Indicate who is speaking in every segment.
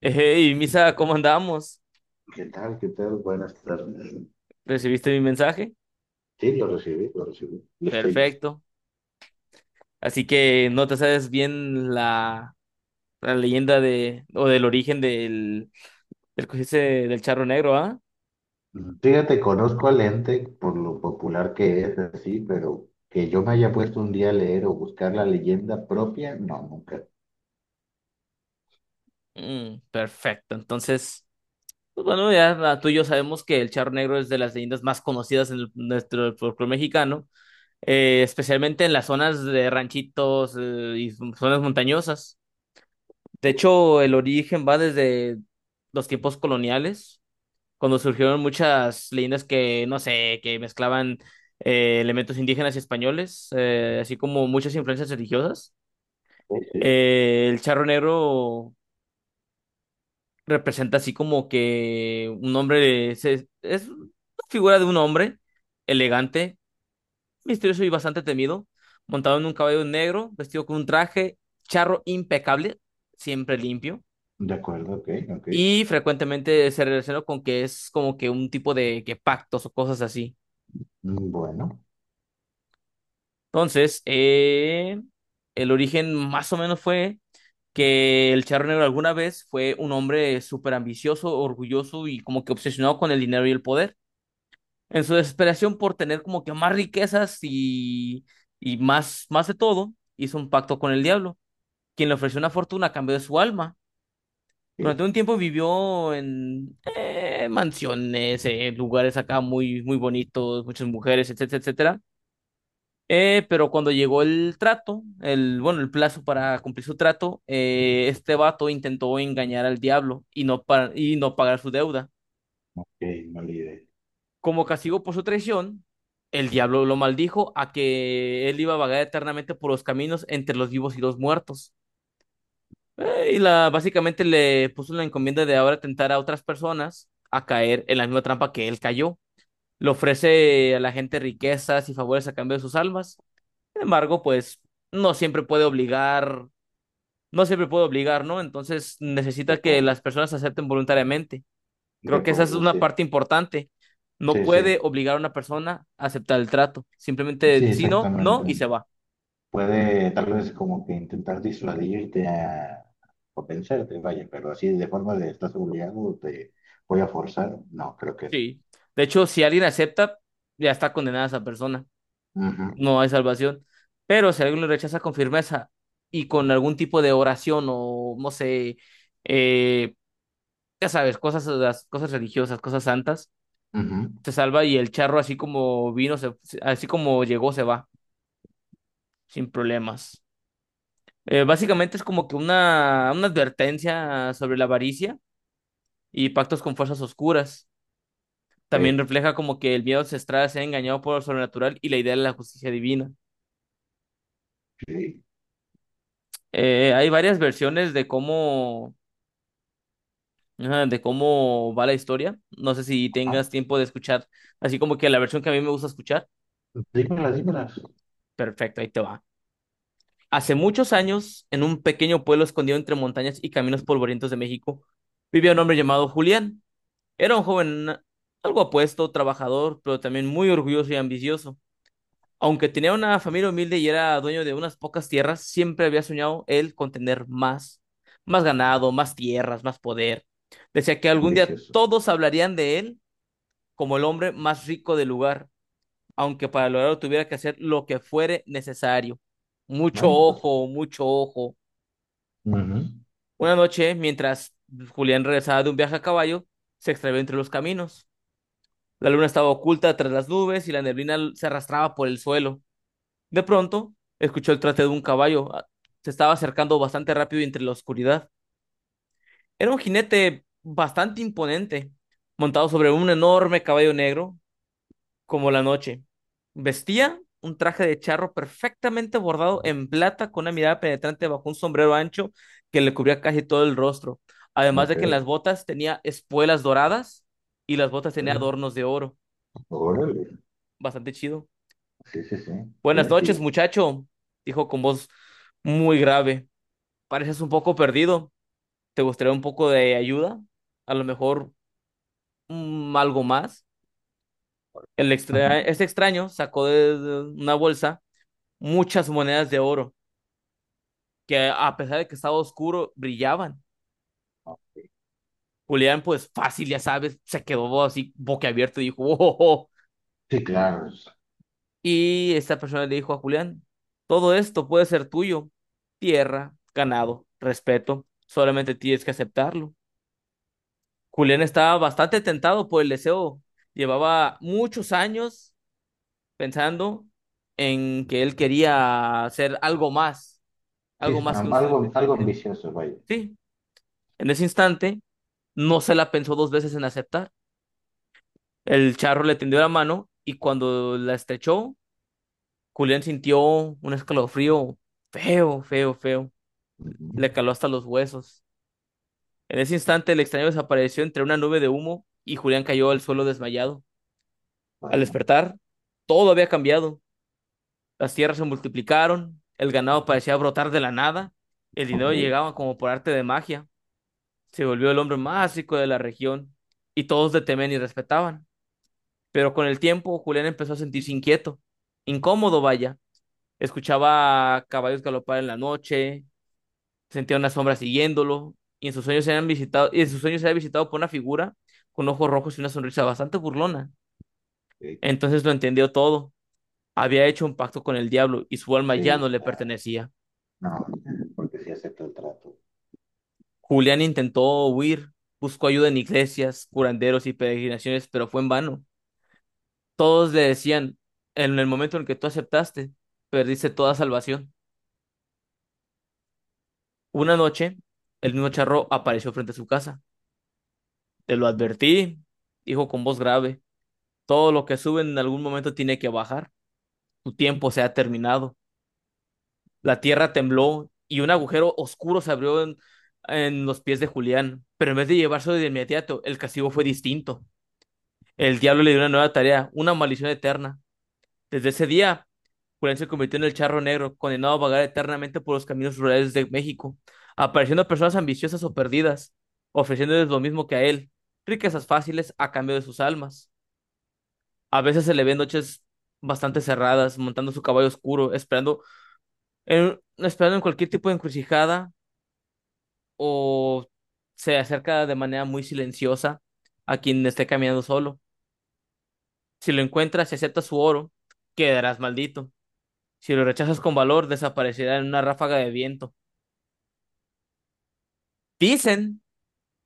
Speaker 1: Hey, Misa, ¿cómo andamos?
Speaker 2: ¿Qué tal? ¿Qué tal? Buenas tardes.
Speaker 1: ¿Recibiste mi mensaje?
Speaker 2: Sí, lo recibí, lo recibí. Lo estoy listo.
Speaker 1: Perfecto. Así que no te sabes bien la leyenda de, o del origen que dice del charro negro, ¿ah?
Speaker 2: Fíjate, conozco al ente por lo popular que es, así, pero que yo me haya puesto un día a leer o buscar la leyenda propia, no, nunca.
Speaker 1: Perfecto. Entonces, pues bueno, ya tú y yo sabemos que el charro negro es de las leyendas más conocidas en nuestro folclore mexicano, especialmente en las zonas de ranchitos, y zonas montañosas. De hecho, el origen va desde los tiempos coloniales cuando surgieron muchas leyendas que, no sé, que mezclaban elementos indígenas y españoles, así como muchas influencias religiosas.
Speaker 2: Ok.
Speaker 1: El charro negro representa así como que un hombre, es una figura de un hombre elegante, misterioso y bastante temido, montado en un caballo negro, vestido con un traje charro impecable, siempre limpio.
Speaker 2: De acuerdo, ok, ok.
Speaker 1: Y frecuentemente se relaciona con que es como que un tipo de que pactos o cosas así.
Speaker 2: Bueno.
Speaker 1: Entonces, el origen más o menos fue que el Charro Negro alguna vez fue un hombre súper ambicioso, orgulloso y como que obsesionado con el dinero y el poder. En su desesperación por tener como que más riquezas y más, más de todo, hizo un pacto con el diablo, quien le ofreció una fortuna a cambio de su alma.
Speaker 2: Ok,
Speaker 1: Durante un tiempo vivió en mansiones, lugares acá muy, muy bonitos, muchas mujeres, etcétera, etcétera. Pero cuando llegó el trato, el plazo para cumplir su trato, este vato intentó engañar al diablo y y no pagar su deuda.
Speaker 2: ok, no la idea.
Speaker 1: Como castigo por su traición, el diablo lo maldijo a que él iba a vagar eternamente por los caminos entre los vivos y los muertos. Básicamente le puso la encomienda de ahora tentar a otras personas a caer en la misma trampa que él cayó. Le ofrece a la gente riquezas y favores a cambio de sus almas. Sin embargo, pues no siempre puede obligar no siempre puede obligar, ¿no? Entonces
Speaker 2: De
Speaker 1: necesita que
Speaker 2: acuerdo,
Speaker 1: las personas acepten voluntariamente.
Speaker 2: de
Speaker 1: Creo que esa es
Speaker 2: acuerdo,
Speaker 1: una
Speaker 2: sí.
Speaker 1: parte importante. No
Speaker 2: Sí, sí,
Speaker 1: puede obligar a una persona a aceptar el trato. Simplemente
Speaker 2: sí,
Speaker 1: si no, no
Speaker 2: exactamente.
Speaker 1: y se va.
Speaker 2: Puede tal vez como que intentar disuadirte a- o pensarte, vaya, pero así de forma de estás obligado, te voy a forzar, no, creo que.
Speaker 1: Sí. De hecho, si alguien acepta, ya está condenada esa persona.
Speaker 2: Ujú,
Speaker 1: No hay salvación. Pero si alguien lo rechaza con firmeza y con algún tipo de oración o no sé, eh, ya sabes, cosas, las cosas religiosas, cosas santas,
Speaker 2: ujú,
Speaker 1: se salva y el charro así como así como llegó, se va sin problemas. Básicamente es como que una advertencia sobre la avaricia y pactos con fuerzas oscuras. También
Speaker 2: sí,
Speaker 1: refleja como que el miedo ancestral sea engañado por lo sobrenatural y la idea de la justicia divina.
Speaker 2: sí.
Speaker 1: Hay varias versiones de de cómo va la historia. No sé si
Speaker 2: Ah,
Speaker 1: tengas tiempo de escuchar así como que la versión que a mí me gusta escuchar.
Speaker 2: dímelas, dímelas.
Speaker 1: Perfecto, ahí te va. Hace muchos años, en un pequeño pueblo escondido entre montañas y caminos polvorientos de México, vivía un hombre llamado Julián. Era un joven algo apuesto, trabajador, pero también muy orgulloso y ambicioso. Aunque tenía una familia humilde y era dueño de unas pocas tierras, siempre había soñado él con tener más, más ganado, más tierras, más poder. Decía que algún día
Speaker 2: Vicioso.
Speaker 1: todos hablarían de él como el hombre más rico del lugar, aunque para lograrlo tuviera que hacer lo que fuere necesario. Mucho
Speaker 2: Bueno, pues.
Speaker 1: ojo, mucho ojo.
Speaker 2: Ujú.
Speaker 1: Una noche, mientras Julián regresaba de un viaje a caballo, se extravió entre los caminos. La luna estaba oculta tras las nubes y la neblina se arrastraba por el suelo. De pronto, escuchó el trate de un caballo. Se estaba acercando bastante rápido entre la oscuridad. Era un jinete bastante imponente, montado sobre un enorme caballo negro, como la noche. Vestía un traje de charro perfectamente bordado en plata, con una mirada penetrante bajo un sombrero ancho que le cubría casi todo el rostro. Además de
Speaker 2: Ok.
Speaker 1: que en las botas tenía espuelas doradas y las botas tenía
Speaker 2: Órale,
Speaker 1: adornos de oro.
Speaker 2: órale.
Speaker 1: Bastante chido.
Speaker 2: Sí, sí, sí. Tiene
Speaker 1: Buenas noches,
Speaker 2: estilo.
Speaker 1: muchacho, dijo con voz muy grave. Pareces un poco perdido. ¿Te gustaría un poco de ayuda? A lo mejor algo más. El
Speaker 2: Ujú.
Speaker 1: extra este extraño sacó de una bolsa muchas monedas de oro que a pesar de que estaba oscuro, brillaban.
Speaker 2: Ok.
Speaker 1: Julián, pues fácil, ya sabes, se quedó así boquiabierto y dijo, "Oh, oh, oh".
Speaker 2: Sí, claro, es-
Speaker 1: Y esta persona le dijo a Julián, todo esto puede ser tuyo. Tierra, ganado, respeto, solamente tienes que aceptarlo. Julián estaba bastante tentado por el deseo. Llevaba muchos años pensando en que él quería hacer
Speaker 2: Sí,
Speaker 1: algo
Speaker 2: es,
Speaker 1: más que un simple
Speaker 2: algo, algo
Speaker 1: granjero.
Speaker 2: ambicioso, vaya.
Speaker 1: Sí, en ese instante no se la pensó dos veces en aceptar. El charro le tendió la mano y cuando la estrechó, Julián sintió un escalofrío feo, feo, feo.
Speaker 2: Ujú.
Speaker 1: Le caló hasta los huesos. En ese instante el extraño desapareció entre una nube de humo y Julián cayó al suelo desmayado. Al
Speaker 2: Bueno,
Speaker 1: despertar, todo había cambiado. Las tierras se multiplicaron, el ganado parecía brotar de la nada, el dinero
Speaker 2: ok.
Speaker 1: llegaba como por arte de magia, se volvió el hombre más rico de la región y todos le temían y respetaban. Pero con el tiempo Julián empezó a sentirse inquieto, incómodo vaya, escuchaba caballos galopar en la noche, sentía una sombra siguiéndolo y en sus sueños era visitado por una figura con ojos rojos y una sonrisa bastante burlona.
Speaker 2: Ok.
Speaker 1: Entonces lo entendió todo. Había hecho un pacto con el diablo y su alma ya no
Speaker 2: Sí,
Speaker 1: le
Speaker 2: claro.
Speaker 1: pertenecía.
Speaker 2: No, porque sí acepto el trato.
Speaker 1: Julián intentó huir, buscó ayuda en iglesias, curanderos y peregrinaciones, pero fue en vano. Todos le decían, en el momento en el que tú aceptaste, perdiste toda salvación. Una
Speaker 2: Pues,
Speaker 1: noche, el mismo charro apareció frente a su casa. Te lo advertí, dijo con voz grave, todo lo que sube en algún momento tiene que bajar. Tu tiempo se ha terminado. La tierra tembló y un agujero oscuro se abrió en los pies de Julián, pero en vez de llevarse de inmediato, el castigo fue distinto. El diablo le dio una nueva tarea, una maldición eterna. Desde ese día, Julián se convirtió en el charro negro, condenado a vagar eternamente por los caminos rurales de México, apareciendo a personas ambiciosas o perdidas, ofreciéndoles lo mismo que a él, riquezas fáciles a cambio de sus almas. A veces se le ve en noches bastante cerradas, montando su caballo oscuro, esperando en cualquier tipo de encrucijada o se acerca de manera muy silenciosa a quien esté caminando solo. Si lo encuentras y aceptas su oro, quedarás maldito. Si lo rechazas con valor, desaparecerá en una ráfaga de viento. Dicen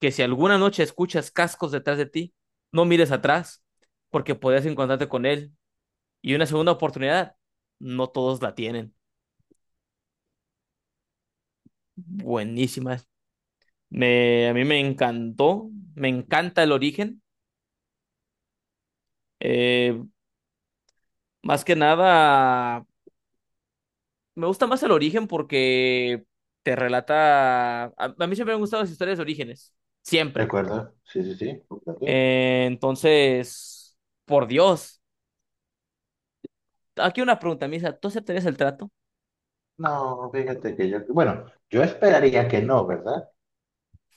Speaker 1: que si alguna noche escuchas cascos detrás de ti, no mires atrás, porque podrías encontrarte con él. Y una segunda oportunidad, no todos la tienen. Buenísimas. A mí me encantó, me encanta el origen. Eh, Más que nada, me gusta más el origen porque te relata... A mí siempre me han gustado las historias de orígenes,
Speaker 2: ¿de
Speaker 1: siempre.
Speaker 2: acuerdo? Sí, sí, sí. Ok.
Speaker 1: Entonces, por Dios. Aquí una pregunta, Misa, ¿tú aceptarías el trato?
Speaker 2: No, fíjate que yo, bueno, yo esperaría que no, ¿verdad?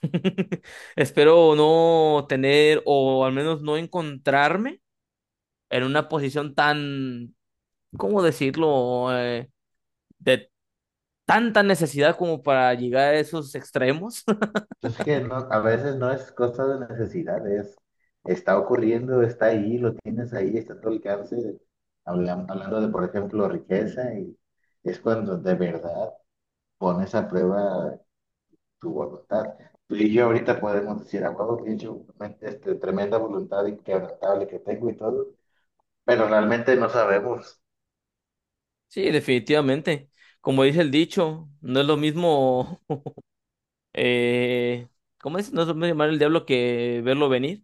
Speaker 1: Espero no tener o al menos no encontrarme en una posición tan, ¿cómo decirlo? De tanta necesidad como para llegar a esos extremos.
Speaker 2: Entonces que no, a veces no es cosa de necesidad, es, está ocurriendo, está ahí, lo tienes ahí, está a tu alcance. Hablam- hablando de, por ejemplo, riqueza, y es cuando de verdad pones a prueba tu voluntad. Tú y yo ahorita podemos decir, a huevo, pinche, este, tremenda voluntad inquebrantable que tengo y todo, pero realmente no sabemos.
Speaker 1: Sí, definitivamente. Como dice el dicho, no es lo mismo, eh, ¿cómo es? No es lo mismo llamar el diablo que verlo venir.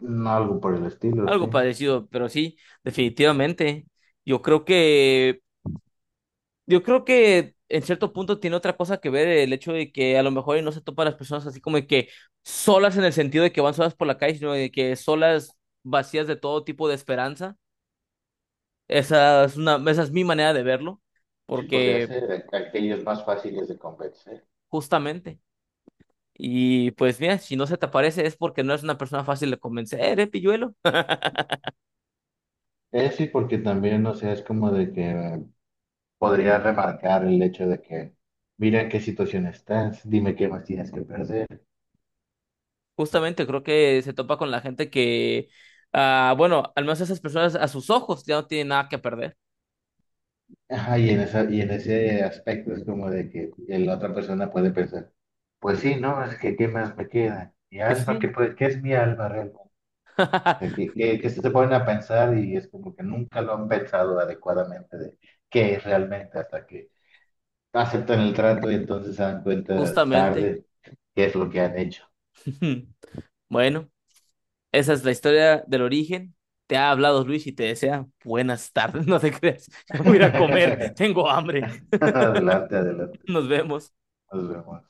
Speaker 2: Algo por el estilo, sí.
Speaker 1: Algo parecido, pero sí, definitivamente. Yo creo que, yo creo que en cierto punto tiene otra cosa que ver el hecho de que a lo mejor y no se topan las personas así como de que solas en el sentido de que van solas por la calle, sino de que solas vacías de todo tipo de esperanza. Esa es mi manera de verlo,
Speaker 2: Sí, podría
Speaker 1: porque
Speaker 2: ser a- aquellos más fáciles de convencer.
Speaker 1: justamente. Y pues mira, si no se te aparece es porque no eres una persona fácil de convencer, ¿eh, pilluelo?
Speaker 2: Sí, porque también, o sea, es como de que podría remarcar el hecho de que, mira en qué situación estás, dime qué más tienes que perder.
Speaker 1: Justamente creo que se topa con la gente que, ah, bueno, al menos esas personas a sus ojos ya no tienen nada que perder.
Speaker 2: Ajá, y en esa, y en ese aspecto es como de que la otra persona puede pensar, pues sí, ¿no? Es que qué más me queda. Mi
Speaker 1: Pues
Speaker 2: alma, ¿qué,
Speaker 1: sí,
Speaker 2: puede- qué es mi alma realmente? Que se ponen a pensar y es como que nunca lo han pensado adecuadamente de qué es realmente hasta que aceptan el trato y entonces se dan cuenta
Speaker 1: justamente.
Speaker 2: tarde qué es lo que han hecho.
Speaker 1: Bueno, esa es la historia del origen. Te ha hablado Luis y te desea buenas tardes. No te creas, ya me voy a ir a comer, tengo hambre.
Speaker 2: Adelante, adelante.
Speaker 1: Nos vemos.
Speaker 2: Nos vemos.